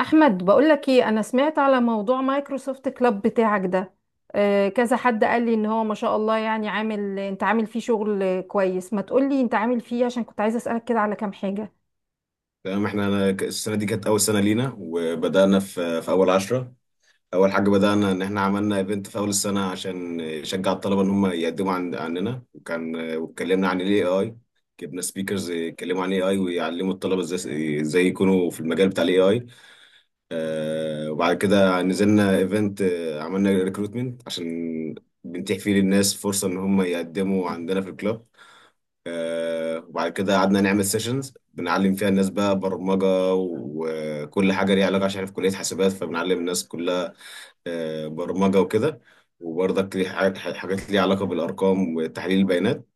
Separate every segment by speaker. Speaker 1: احمد، بقولك ايه، انا سمعت على موضوع مايكروسوفت كلاب بتاعك ده. كذا حد قال لي ان هو ما شاء الله، يعني عامل، انت عامل فيه شغل كويس ما تقولي انت عامل فيه، عشان كنت عايزه اسالك كده على كام حاجه.
Speaker 2: تمام، أنا السنة دي كانت أول سنة لينا، وبدأنا في أول عشرة. أول حاجة بدأنا إن احنا عملنا إيفنت في أول السنة عشان نشجع الطلبة إن هم يقدموا عننا، واتكلمنا عن ال AI. جبنا سبيكرز يتكلموا عن AI ويعلموا الطلبة ازاي يكونوا في المجال بتاع ال AI. وبعد كده نزلنا إيفنت. عملنا ريكروتمنت عشان بنتيح فيه للناس فرصة إن هم يقدموا عندنا في الكلاب. وبعد كده قعدنا نعمل سيشنز، بنعلم فيها الناس بقى برمجة وكل حاجة ليها علاقة، عشان أنا في كلية حاسبات، فبنعلم الناس كلها برمجة وكده، وبرضك ليه حاجات ليها علاقة بالأرقام وتحليل البيانات،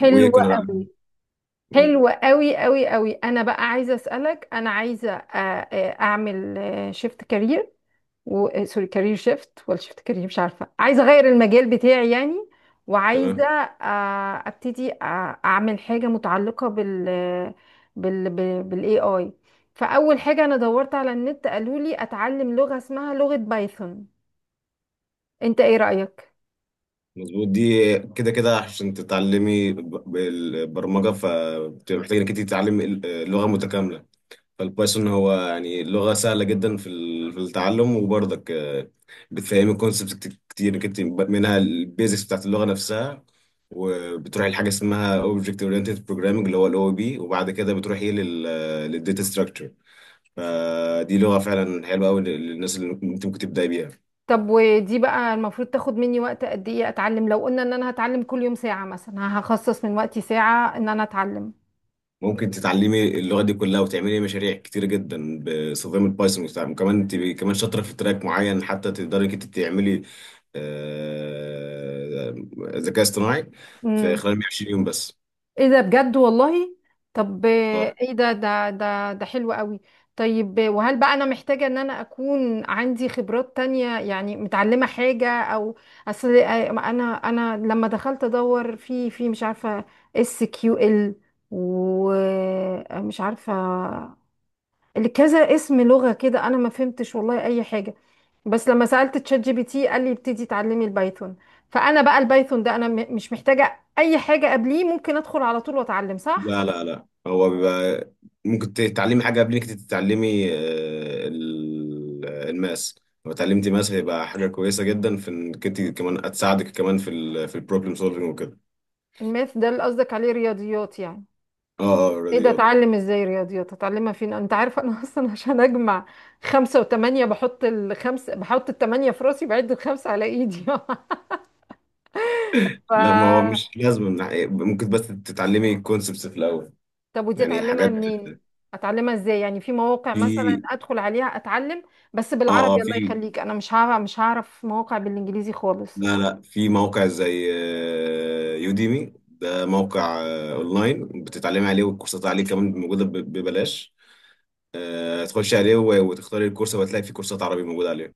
Speaker 1: حلوه
Speaker 2: بنعلم.
Speaker 1: قوي.
Speaker 2: مم،
Speaker 1: حلوه قوي قوي قوي. انا بقى عايزه اسالك، انا عايزه اعمل شيفت كارير و سوري، كارير شيفت ولا شيفت كارير، مش عارفه، عايزه اغير المجال بتاعي يعني، وعايزه
Speaker 2: تمام،
Speaker 1: ابتدي اعمل حاجه متعلقه بال بالاي اي. فاول حاجه انا دورت على النت قالوا لي اتعلم لغه اسمها لغه بايثون، انت ايه رايك؟
Speaker 2: مظبوط. دي كده كده عشان تتعلمي بالبرمجة، فبتبقى محتاجة إنك أنت تتعلمي لغة متكاملة. فالبايثون هو يعني لغة سهلة جدا في التعلم، وبرضك بتفهمي كونسبت كتير كتير منها، البيزكس بتاعت اللغة نفسها، وبتروحي لحاجة اسمها Object Oriented Programming اللي هو ال OOP، وبعد كده بتروحي للداتا ستراكشر. فدي لغة فعلا حلوة أوي للناس اللي ممكن تبدأي بيها.
Speaker 1: طب ودي بقى المفروض تاخد مني وقت قد ايه اتعلم، لو قلنا ان انا هتعلم كل يوم ساعه مثلا، هخصص من وقتي ساعه ان انا اتعلم؟
Speaker 2: ممكن تتعلمي اللغة دي كلها، وتعملي مشاريع كتير جدا باستخدام البايثون وبتاع. وكمان تبقي كمان شاطرة في تراك معين حتى تقدري انت تعملي آه، ذكاء اصطناعي في
Speaker 1: امم،
Speaker 2: خلال 120 يوم بس.
Speaker 1: ايه ده بجد والله؟ طب
Speaker 2: آه.
Speaker 1: ايه ده ده حلو قوي. طيب وهل بقى انا محتاجة ان انا اكون عندي خبرات تانية يعني، متعلمة حاجة او اصل انا، انا لما دخلت ادور في مش عارفة اس كيو ال، ومش عارفة كذا اسم لغة كده، انا ما فهمتش والله اي حاجة. بس لما سألت تشات جي بي تي قال لي ابتدي اتعلمي البايثون. فأنا بقى البايثون ده أنا مش محتاجة أي حاجة قبليه، ممكن أدخل على طول وأتعلم صح؟
Speaker 2: لا لا لا، هو بيبقى ممكن تتعلمي حاجة قبل انك تتعلمي الماس. لو اتعلمتي ماس هيبقى حاجة كويسة جدا، في انك انت كمان هتساعدك كمان في البروبلم سولفنج وكده.
Speaker 1: الماث ده اللي قصدك عليه رياضيات يعني؟
Speaker 2: اه اه،
Speaker 1: ايه ده،
Speaker 2: الرياضيات.
Speaker 1: اتعلم ازاي رياضيات، اتعلمها فين؟ انت عارفه انا اصلا عشان اجمع خمسة وثمانية بحط الخمسة، بحط الثمانية في راسي بعد الخمسة على ايدي
Speaker 2: لا، ما هو
Speaker 1: ف،
Speaker 2: مش لازم ممكن بس تتعلمي الكونسبتس في الاول،
Speaker 1: طب ودي
Speaker 2: يعني
Speaker 1: اتعلمها
Speaker 2: حاجات.
Speaker 1: منين، اتعلمها ازاي؟ يعني في مواقع مثلا
Speaker 2: في
Speaker 1: ادخل عليها اتعلم، بس
Speaker 2: اه اه
Speaker 1: بالعربي الله
Speaker 2: في.
Speaker 1: يخليك، انا مش هعرف، مش هعرف مواقع بالانجليزي خالص.
Speaker 2: لا لا، في موقع زي يوديمي، ده موقع اونلاين بتتعلمي عليه، والكورسات عليه كمان موجوده ببلاش. تخشي عليه وتختاري الكورس، وهتلاقي في كورسات عربي موجوده عليه.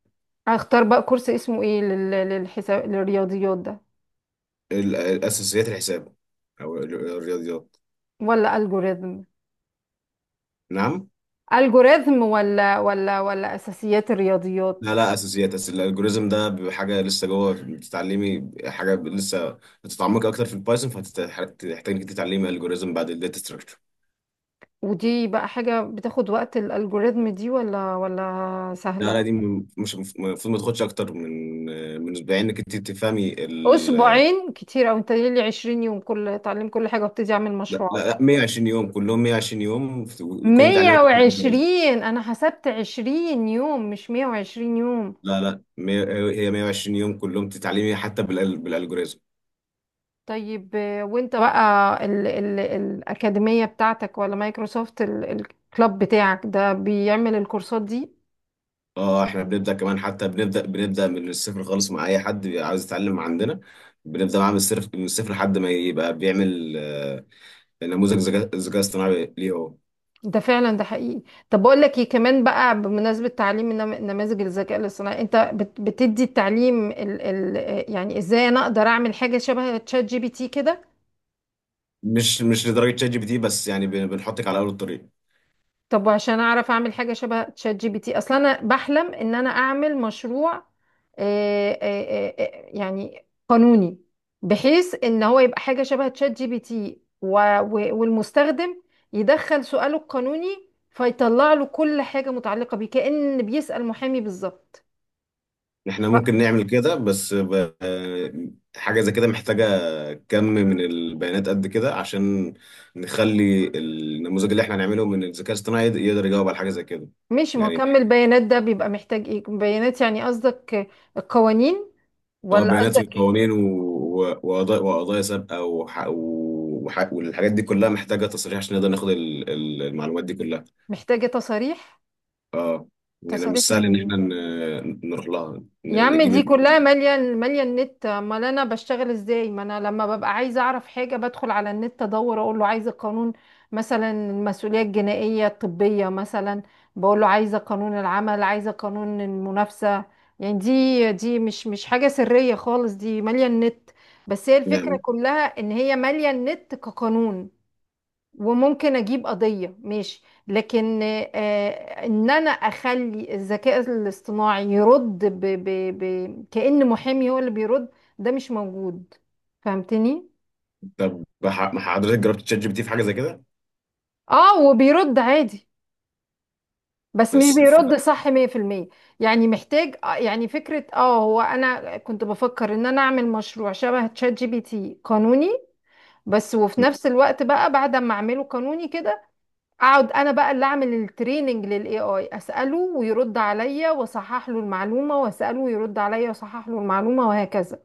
Speaker 1: اختار بقى كورس اسمه ايه للحساب للرياضيات ده
Speaker 2: الاساسيات، الحساب، او الرياضيات.
Speaker 1: ولا الجوريزم؟
Speaker 2: نعم.
Speaker 1: الجوريزم ولا اساسيات
Speaker 2: لا
Speaker 1: الرياضيات؟
Speaker 2: لا، اساسيات. الالجوريزم ده بيبقى حاجه لسه جوه، بتتعلمي حاجه لسه هتتعمقي اكتر في البايثون، فهتحتاج انك تتعلمي الجوريزم بعد الداتا ستراكشر.
Speaker 1: ودي بقى حاجة بتاخد وقت الالجوريزم دي ولا
Speaker 2: لا
Speaker 1: سهلة؟
Speaker 2: لا، دي مش المفروض ما تاخدش اكتر من اسبوعين، انك انت تفهمي
Speaker 1: اسبوعين كتير، او انت لي 20 يوم كل اتعلم كل حاجة وابتدي اعمل
Speaker 2: لا لا
Speaker 1: مشروعات؟
Speaker 2: لا، 120 يوم كلهم. 120 يوم وتكوني متعلمه كل الالجوريزم.
Speaker 1: 120؟ انا حسبت 20 يوم مش 120 يوم.
Speaker 2: لا لا هي 120 يوم كلهم تتعلمي حتى بالالجوريزم.
Speaker 1: طيب وانت بقى ال الأكاديمية بتاعتك ولا مايكروسوفت الكلاب بتاعك ده بيعمل الكورسات دي؟
Speaker 2: اه احنا بنبدا كمان، حتى بنبدا من الصفر خالص مع اي حد بيبقى عاوز يتعلم عندنا. بنبدا معاه من الصفر من الصفر لحد ما يبقى بيعمل نموذج ذكاء اصطناعي ليه هو.
Speaker 1: ده فعلا، ده حقيقي. طب بقول لك ايه كمان بقى، بمناسبة تعليم نماذج الذكاء الاصطناعي انت بتدي التعليم ال، يعني ازاي انا اقدر اعمل حاجة شبه تشات جي بي تي كده؟
Speaker 2: مش لدرجه شات جي بي تي، بس يعني بنحطك على اول الطريق.
Speaker 1: طب وعشان اعرف اعمل حاجه شبه تشات جي بي تي، اصلا انا بحلم ان انا اعمل مشروع يعني قانوني، بحيث ان هو يبقى حاجه شبه تشات جي بي تي، والمستخدم يدخل سؤاله القانوني فيطلع له كل حاجه متعلقه بيه، كأن بيسأل محامي بالظبط.
Speaker 2: احنا ممكن نعمل كده، بس حاجه زي كده محتاجه كم من البيانات قد كده، عشان نخلي النموذج اللي احنا هنعمله من الذكاء الاصطناعي يقدر يجاوب على حاجه زي كده.
Speaker 1: مش
Speaker 2: يعني
Speaker 1: مكمل بيانات، ده بيبقى محتاج ايه بيانات يعني قصدك، القوانين
Speaker 2: اه،
Speaker 1: ولا
Speaker 2: بيانات
Speaker 1: قصدك إيه؟
Speaker 2: والقوانين وقضايا سابقه والحاجات دي كلها محتاجه تصريح، عشان نقدر ناخد المعلومات دي كلها.
Speaker 1: محتاجه تصاريح؟
Speaker 2: اه، يعني
Speaker 1: تصاريح
Speaker 2: مش
Speaker 1: من
Speaker 2: سهل ان
Speaker 1: مين؟
Speaker 2: احنا نروح لها
Speaker 1: يا عم
Speaker 2: نجيب.
Speaker 1: دي كلها مالية مالية النت. امال انا بشتغل ازاي؟ ما انا لما ببقى عايزة اعرف حاجة بدخل على النت ادور، اقول له عايزة قانون مثلا المسؤولية الجنائية الطبية مثلا، بقول له عايزة قانون العمل، عايزة قانون المنافسة. يعني دي مش حاجة سرية خالص، دي مالية النت. بس هي الفكرة
Speaker 2: يعني.
Speaker 1: كلها ان هي مالية النت كقانون، وممكن اجيب قضية ماشي. لكن ان انا اخلي الذكاء الاصطناعي يرد كأن محامي هو اللي بيرد، ده مش موجود، فهمتني؟
Speaker 2: طب ما حضرتك جربت تشات جي بي تي في حاجه زي كده؟
Speaker 1: اه، وبيرد عادي، بس مش
Speaker 2: بس
Speaker 1: بيرد صح 100%. يعني محتاج يعني فكرة، اه هو انا كنت بفكر ان انا اعمل مشروع شبه تشات جي بي تي قانوني بس، وفي نفس الوقت بقى بعد ما اعمله قانوني كده، اقعد انا بقى اللي اعمل التريننج للاي اي، اساله ويرد عليا واصحح له المعلومه، واساله ويرد عليا واصحح له المعلومه، وهكذا.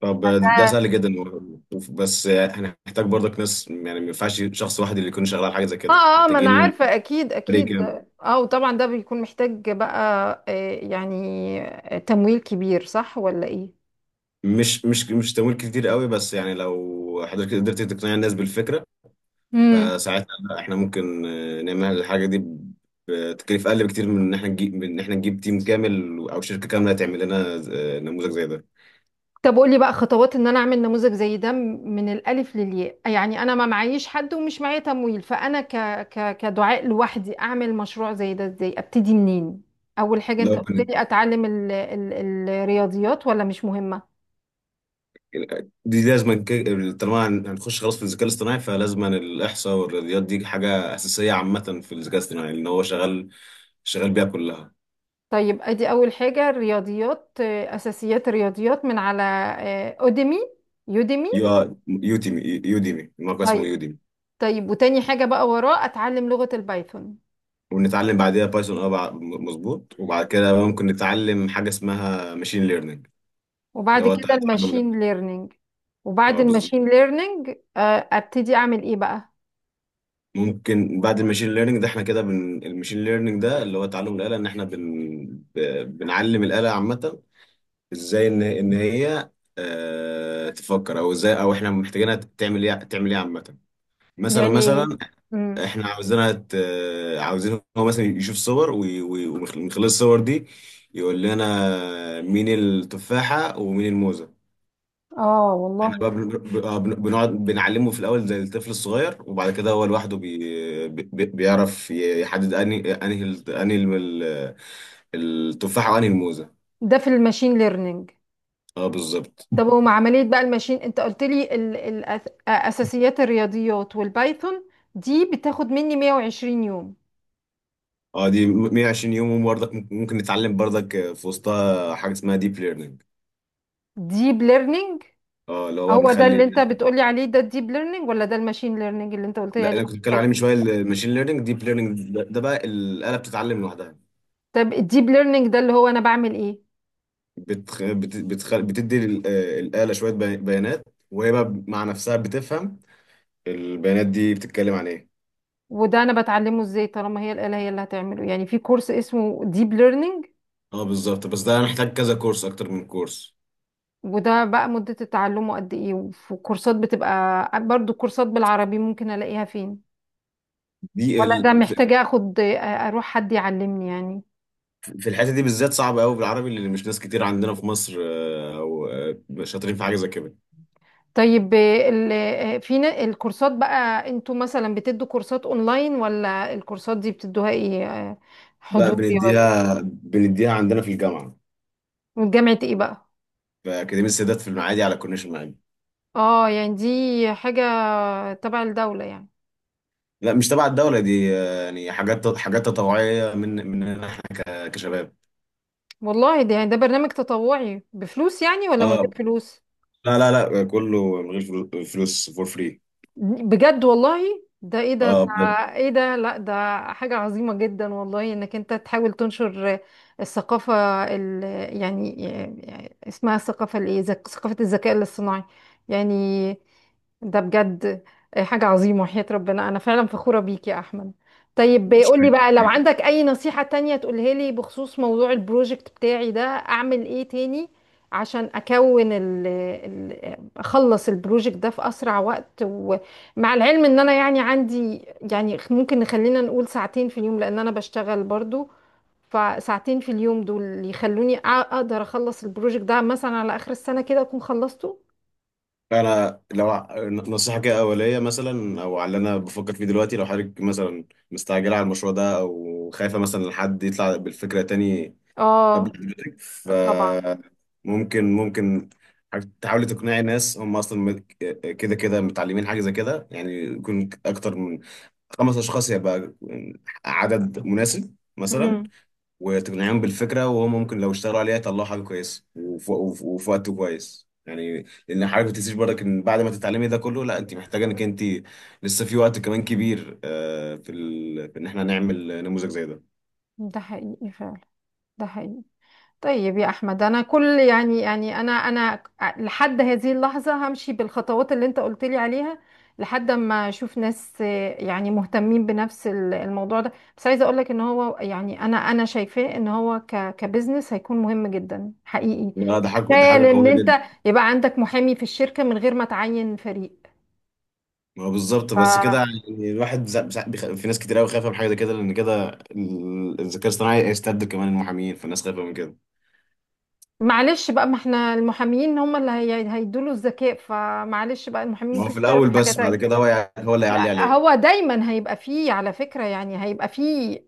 Speaker 2: طب، ده
Speaker 1: اه
Speaker 2: سهل جدا بس هنحتاج برضك ناس، يعني ما ينفعش شخص واحد اللي يكون شغال على حاجه زي كده،
Speaker 1: اه، ما انا
Speaker 2: محتاجين
Speaker 1: عارفه، اكيد
Speaker 2: فريق
Speaker 1: اكيد
Speaker 2: كامل.
Speaker 1: ده، اه وطبعا ده بيكون محتاج بقى يعني تمويل كبير صح ولا
Speaker 2: مش تمويل كتير قوي، بس يعني لو حضرتك قدرت تقنع الناس بالفكره،
Speaker 1: ايه؟
Speaker 2: فساعتها لا، احنا ممكن نعمل الحاجه دي بتكلفة اقل بكتير من ان احنا نجيب تيم كامل، او شركه كامله تعمل لنا نموذج زي ده.
Speaker 1: طب قولي بقى خطوات ان انا اعمل نموذج زي ده من الالف للياء. يعني انا ما معيش حد ومش معايا تمويل، فانا كدعاء لوحدي اعمل مشروع زي ده ازاي، ابتدي منين؟ اول حاجة
Speaker 2: لو
Speaker 1: انت قلت
Speaker 2: بن-
Speaker 1: لي اتعلم الرياضيات، ولا مش مهمة؟
Speaker 2: دي لازم طالما هنخش خلاص في الذكاء الاصطناعي، فلازم الاحصاء والرياضيات، دي حاجه اساسيه عامه في الذكاء الاصطناعي، لان هو شغال بيها كلها.
Speaker 1: طيب ادي اول حاجة الرياضيات، اساسيات الرياضيات من على اوديمي، يوديمي.
Speaker 2: يوديمي، الموقع اسمه
Speaker 1: طيب.
Speaker 2: يوديمي.
Speaker 1: طيب وتاني حاجة بقى وراه اتعلم لغة البايثون.
Speaker 2: ونتعلم بعدها بايثون. اه مظبوط، وبعد كده ممكن نتعلم حاجه اسمها ماشين ليرنينج، اللي
Speaker 1: وبعد
Speaker 2: هو
Speaker 1: كده
Speaker 2: تعلم
Speaker 1: الماشين ليرنينج. وبعد
Speaker 2: اه بالظبط.
Speaker 1: الماشين ليرنينج ابتدي اعمل ايه بقى؟
Speaker 2: ممكن بعد الماشين ليرنينج ده احنا كده الماشين ليرنينج ده اللي هو تعلم الآلة، ان احنا ب... بنعلم الآلة عامة، ازاي ان هي اه... تفكر، او ازاي، او احنا محتاجينها تعمل ايه، عامة. مثلا
Speaker 1: يعني ايه؟
Speaker 2: مثلا
Speaker 1: امم.
Speaker 2: احنا عاوزينها عاوزين هو مثلا يشوف صور، ومن خلال الصور دي يقول لنا مين التفاحة ومين الموزة.
Speaker 1: اه
Speaker 2: احنا
Speaker 1: والله.
Speaker 2: بقى بنقعد بنعلمه في الاول زي الطفل الصغير، وبعد كده هو لوحده بيعرف يحدد انهي التفاحه وانهي الموزه.
Speaker 1: ده في الماشين ليرنينج.
Speaker 2: اه بالظبط.
Speaker 1: طب ومع عملية بقى الماشين، انت قلت لي اساسيات الرياضيات والبايثون دي بتاخد مني 120 يوم.
Speaker 2: اه، دي 120 يوم، وبرضك ممكن نتعلم برضك في وسطها حاجه اسمها ديب ليرنينج.
Speaker 1: ديب ليرنينج.
Speaker 2: اه اللي هو بقى
Speaker 1: هو ده اللي
Speaker 2: بنخلي.
Speaker 1: انت بتقولي عليه ده الديب ليرنينج، ولا ده الماشين ليرنينج اللي انت قلت لي
Speaker 2: لا،
Speaker 1: عليه؟
Speaker 2: انا كنت بتكلم عليه
Speaker 1: حاجة.
Speaker 2: من شويه، الماشين ليرنينج. ديب ليرنينج ده، بقى الاله بتتعلم لوحدها.
Speaker 1: طب الديب ليرنينج ده اللي هو انا بعمل ايه؟
Speaker 2: بتدي الاله شويه بيانات، وهي بقى مع نفسها بتفهم البيانات دي بتتكلم عن ايه.
Speaker 1: وده انا بتعلمه ازاي طالما هي الآلة هي اللي هتعمله؟ يعني في كورس اسمه ديب ليرنينج؟
Speaker 2: اه بالظبط، بس ده محتاج كذا كورس، اكتر من كورس.
Speaker 1: وده بقى مدة تعلمه قد ايه؟ وفي كورسات بتبقى برضو كورسات بالعربي ممكن الاقيها فين؟ ولا ده
Speaker 2: في.
Speaker 1: محتاجة اخد اروح حد يعلمني يعني؟
Speaker 2: في الحته دي بالذات صعبه قوي بالعربي، اللي مش ناس كتير عندنا في مصر او شاطرين في حاجه زي كده.
Speaker 1: طيب الكورسات بقى انتوا مثلا بتدوا كورسات اونلاين، ولا الكورسات دي بتدوها ايه،
Speaker 2: لا
Speaker 1: حضوري ولا؟
Speaker 2: بنديها، عندنا في الجامعه،
Speaker 1: من جامعة ايه بقى؟
Speaker 2: في اكاديميه السادات في المعادي، على كورنيش المعادي.
Speaker 1: اه يعني دي حاجة تبع الدولة يعني؟
Speaker 2: لا، مش تبع الدوله، دي يعني حاجات تطوعيه مننا احنا كشباب.
Speaker 1: والله، ده يعني ده برنامج تطوعي بفلوس يعني ولا من غير
Speaker 2: اه.
Speaker 1: فلوس؟
Speaker 2: لا لا لا، كله من غير فلوس، فور فري.
Speaker 1: بجد والله؟ ده ايه ده ده،
Speaker 2: اه بجد.
Speaker 1: ايه ده؟ لا ده حاجة عظيمة جدا والله، انك انت تحاول تنشر الثقافة ال، يعني يعني اسمها الثقافة الايه، ثقافة الذكاء الاصطناعي يعني. ده بجد حاجة عظيمة، وحياة ربنا انا فعلا فخورة بيك يا احمد. طيب
Speaker 2: مش
Speaker 1: قول لي بقى لو
Speaker 2: حاجة.
Speaker 1: عندك اي نصيحة تانية تقولها لي بخصوص موضوع البروجكت بتاعي ده، اعمل ايه تاني عشان اكون ال اخلص البروجكت ده في اسرع وقت؟ مع العلم ان انا يعني عندي، يعني ممكن نخلينا نقول ساعتين في اليوم، لان انا بشتغل برضو، فساعتين في اليوم دول اللي يخلوني اقدر اخلص البروجكت ده مثلا على اخر السنة كده اكون خلصته.
Speaker 2: انا لو نصيحه كده اوليه مثلا، او على اللي انا بفكر فيه دلوقتي، لو حضرتك مثلا مستعجله على المشروع ده، او خايفه مثلا إن حد يطلع بالفكره تاني قبل
Speaker 1: اه
Speaker 2: حضرتك،
Speaker 1: طبعا.
Speaker 2: فممكن حضرتك تحاولي تقنعي ناس هم اصلا كده كده متعلمين حاجه زي كده، يعني يكون اكتر من خمس اشخاص، يبقى عدد مناسب مثلا،
Speaker 1: امم.
Speaker 2: وتقنعهم بالفكره. وهم ممكن لو اشتغلوا عليها يطلعوا حاجه كويسه وفي وقت كويس، يعني لان حضرتك ما تنسيش برضك ان بعد ما تتعلمي ده كله، لا انت محتاجه انك انت لسه في وقت كمان كبير في ان احنا نعمل نموذج زي ده.
Speaker 1: ده حقيقي فعلا، ده حقيقي. طيب يا احمد انا كل يعني، يعني انا انا لحد هذه اللحظه همشي بالخطوات اللي انت قلت لي عليها لحد ما اشوف ناس يعني مهتمين بنفس الموضوع ده. بس عايزه اقول لك ان هو يعني انا، انا شايفاه ان هو ك كبزنس هيكون مهم جدا حقيقي.
Speaker 2: لا، ده حاجه،
Speaker 1: تخيل ان
Speaker 2: قويه جدا.
Speaker 1: انت يبقى عندك محامي في الشركه من غير ما تعين فريق.
Speaker 2: ما هو بالظبط بس كده، يعني الواحد في ناس كتير قوي خايفه من حاجه زي كده، لان كده الذكاء الاصطناعي هيستبدل كمان المحامين، فالناس خايفه من كده.
Speaker 1: فمعلش بقى، ما احنا المحاميين هم اللي هيدوا له الذكاء، فمعلش بقى المحامين
Speaker 2: ما هو
Speaker 1: ممكن
Speaker 2: في
Speaker 1: يشتغلوا
Speaker 2: الاول،
Speaker 1: حاجه
Speaker 2: بس بعد
Speaker 1: تانية.
Speaker 2: كده هو هو اللي هيعلي
Speaker 1: لا
Speaker 2: عليهم.
Speaker 1: هو دايما هيبقى فيه على فكرة، يعني هيبقى فيه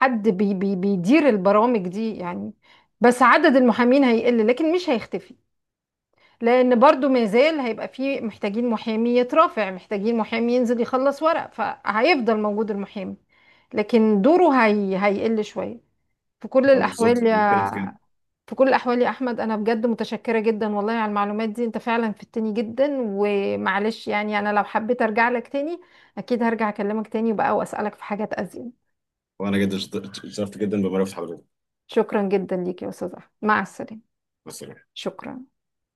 Speaker 1: حد بي بيدير البرامج دي يعني، بس عدد المحامين هيقل لكن مش هيختفي، لأن برضو ما زال هيبقى فيه محتاجين محامي يترافع، محتاجين محامي ينزل يخلص ورق، فهيفضل موجود المحامي، لكن دوره هي هيقل شوية في كل
Speaker 2: اه بالظبط،
Speaker 1: الأحوال
Speaker 2: انا
Speaker 1: يعني.
Speaker 2: بتكلم في كده.
Speaker 1: في كل الأحوال يا أحمد، أنا بجد متشكرة جدا والله على المعلومات دي، أنت فعلا فدتني جدا. ومعلش يعني أنا لو حبيت أرجع لك تاني أكيد هرجع أكلمك تاني بقى وأسألك في حاجات أزيد.
Speaker 2: وانا جدا اتشرفت جدا بمعرفة حضرتك.
Speaker 1: شكرا جدا ليك يا أستاذ أحمد، مع السلامة.
Speaker 2: مثلا.
Speaker 1: شكرا.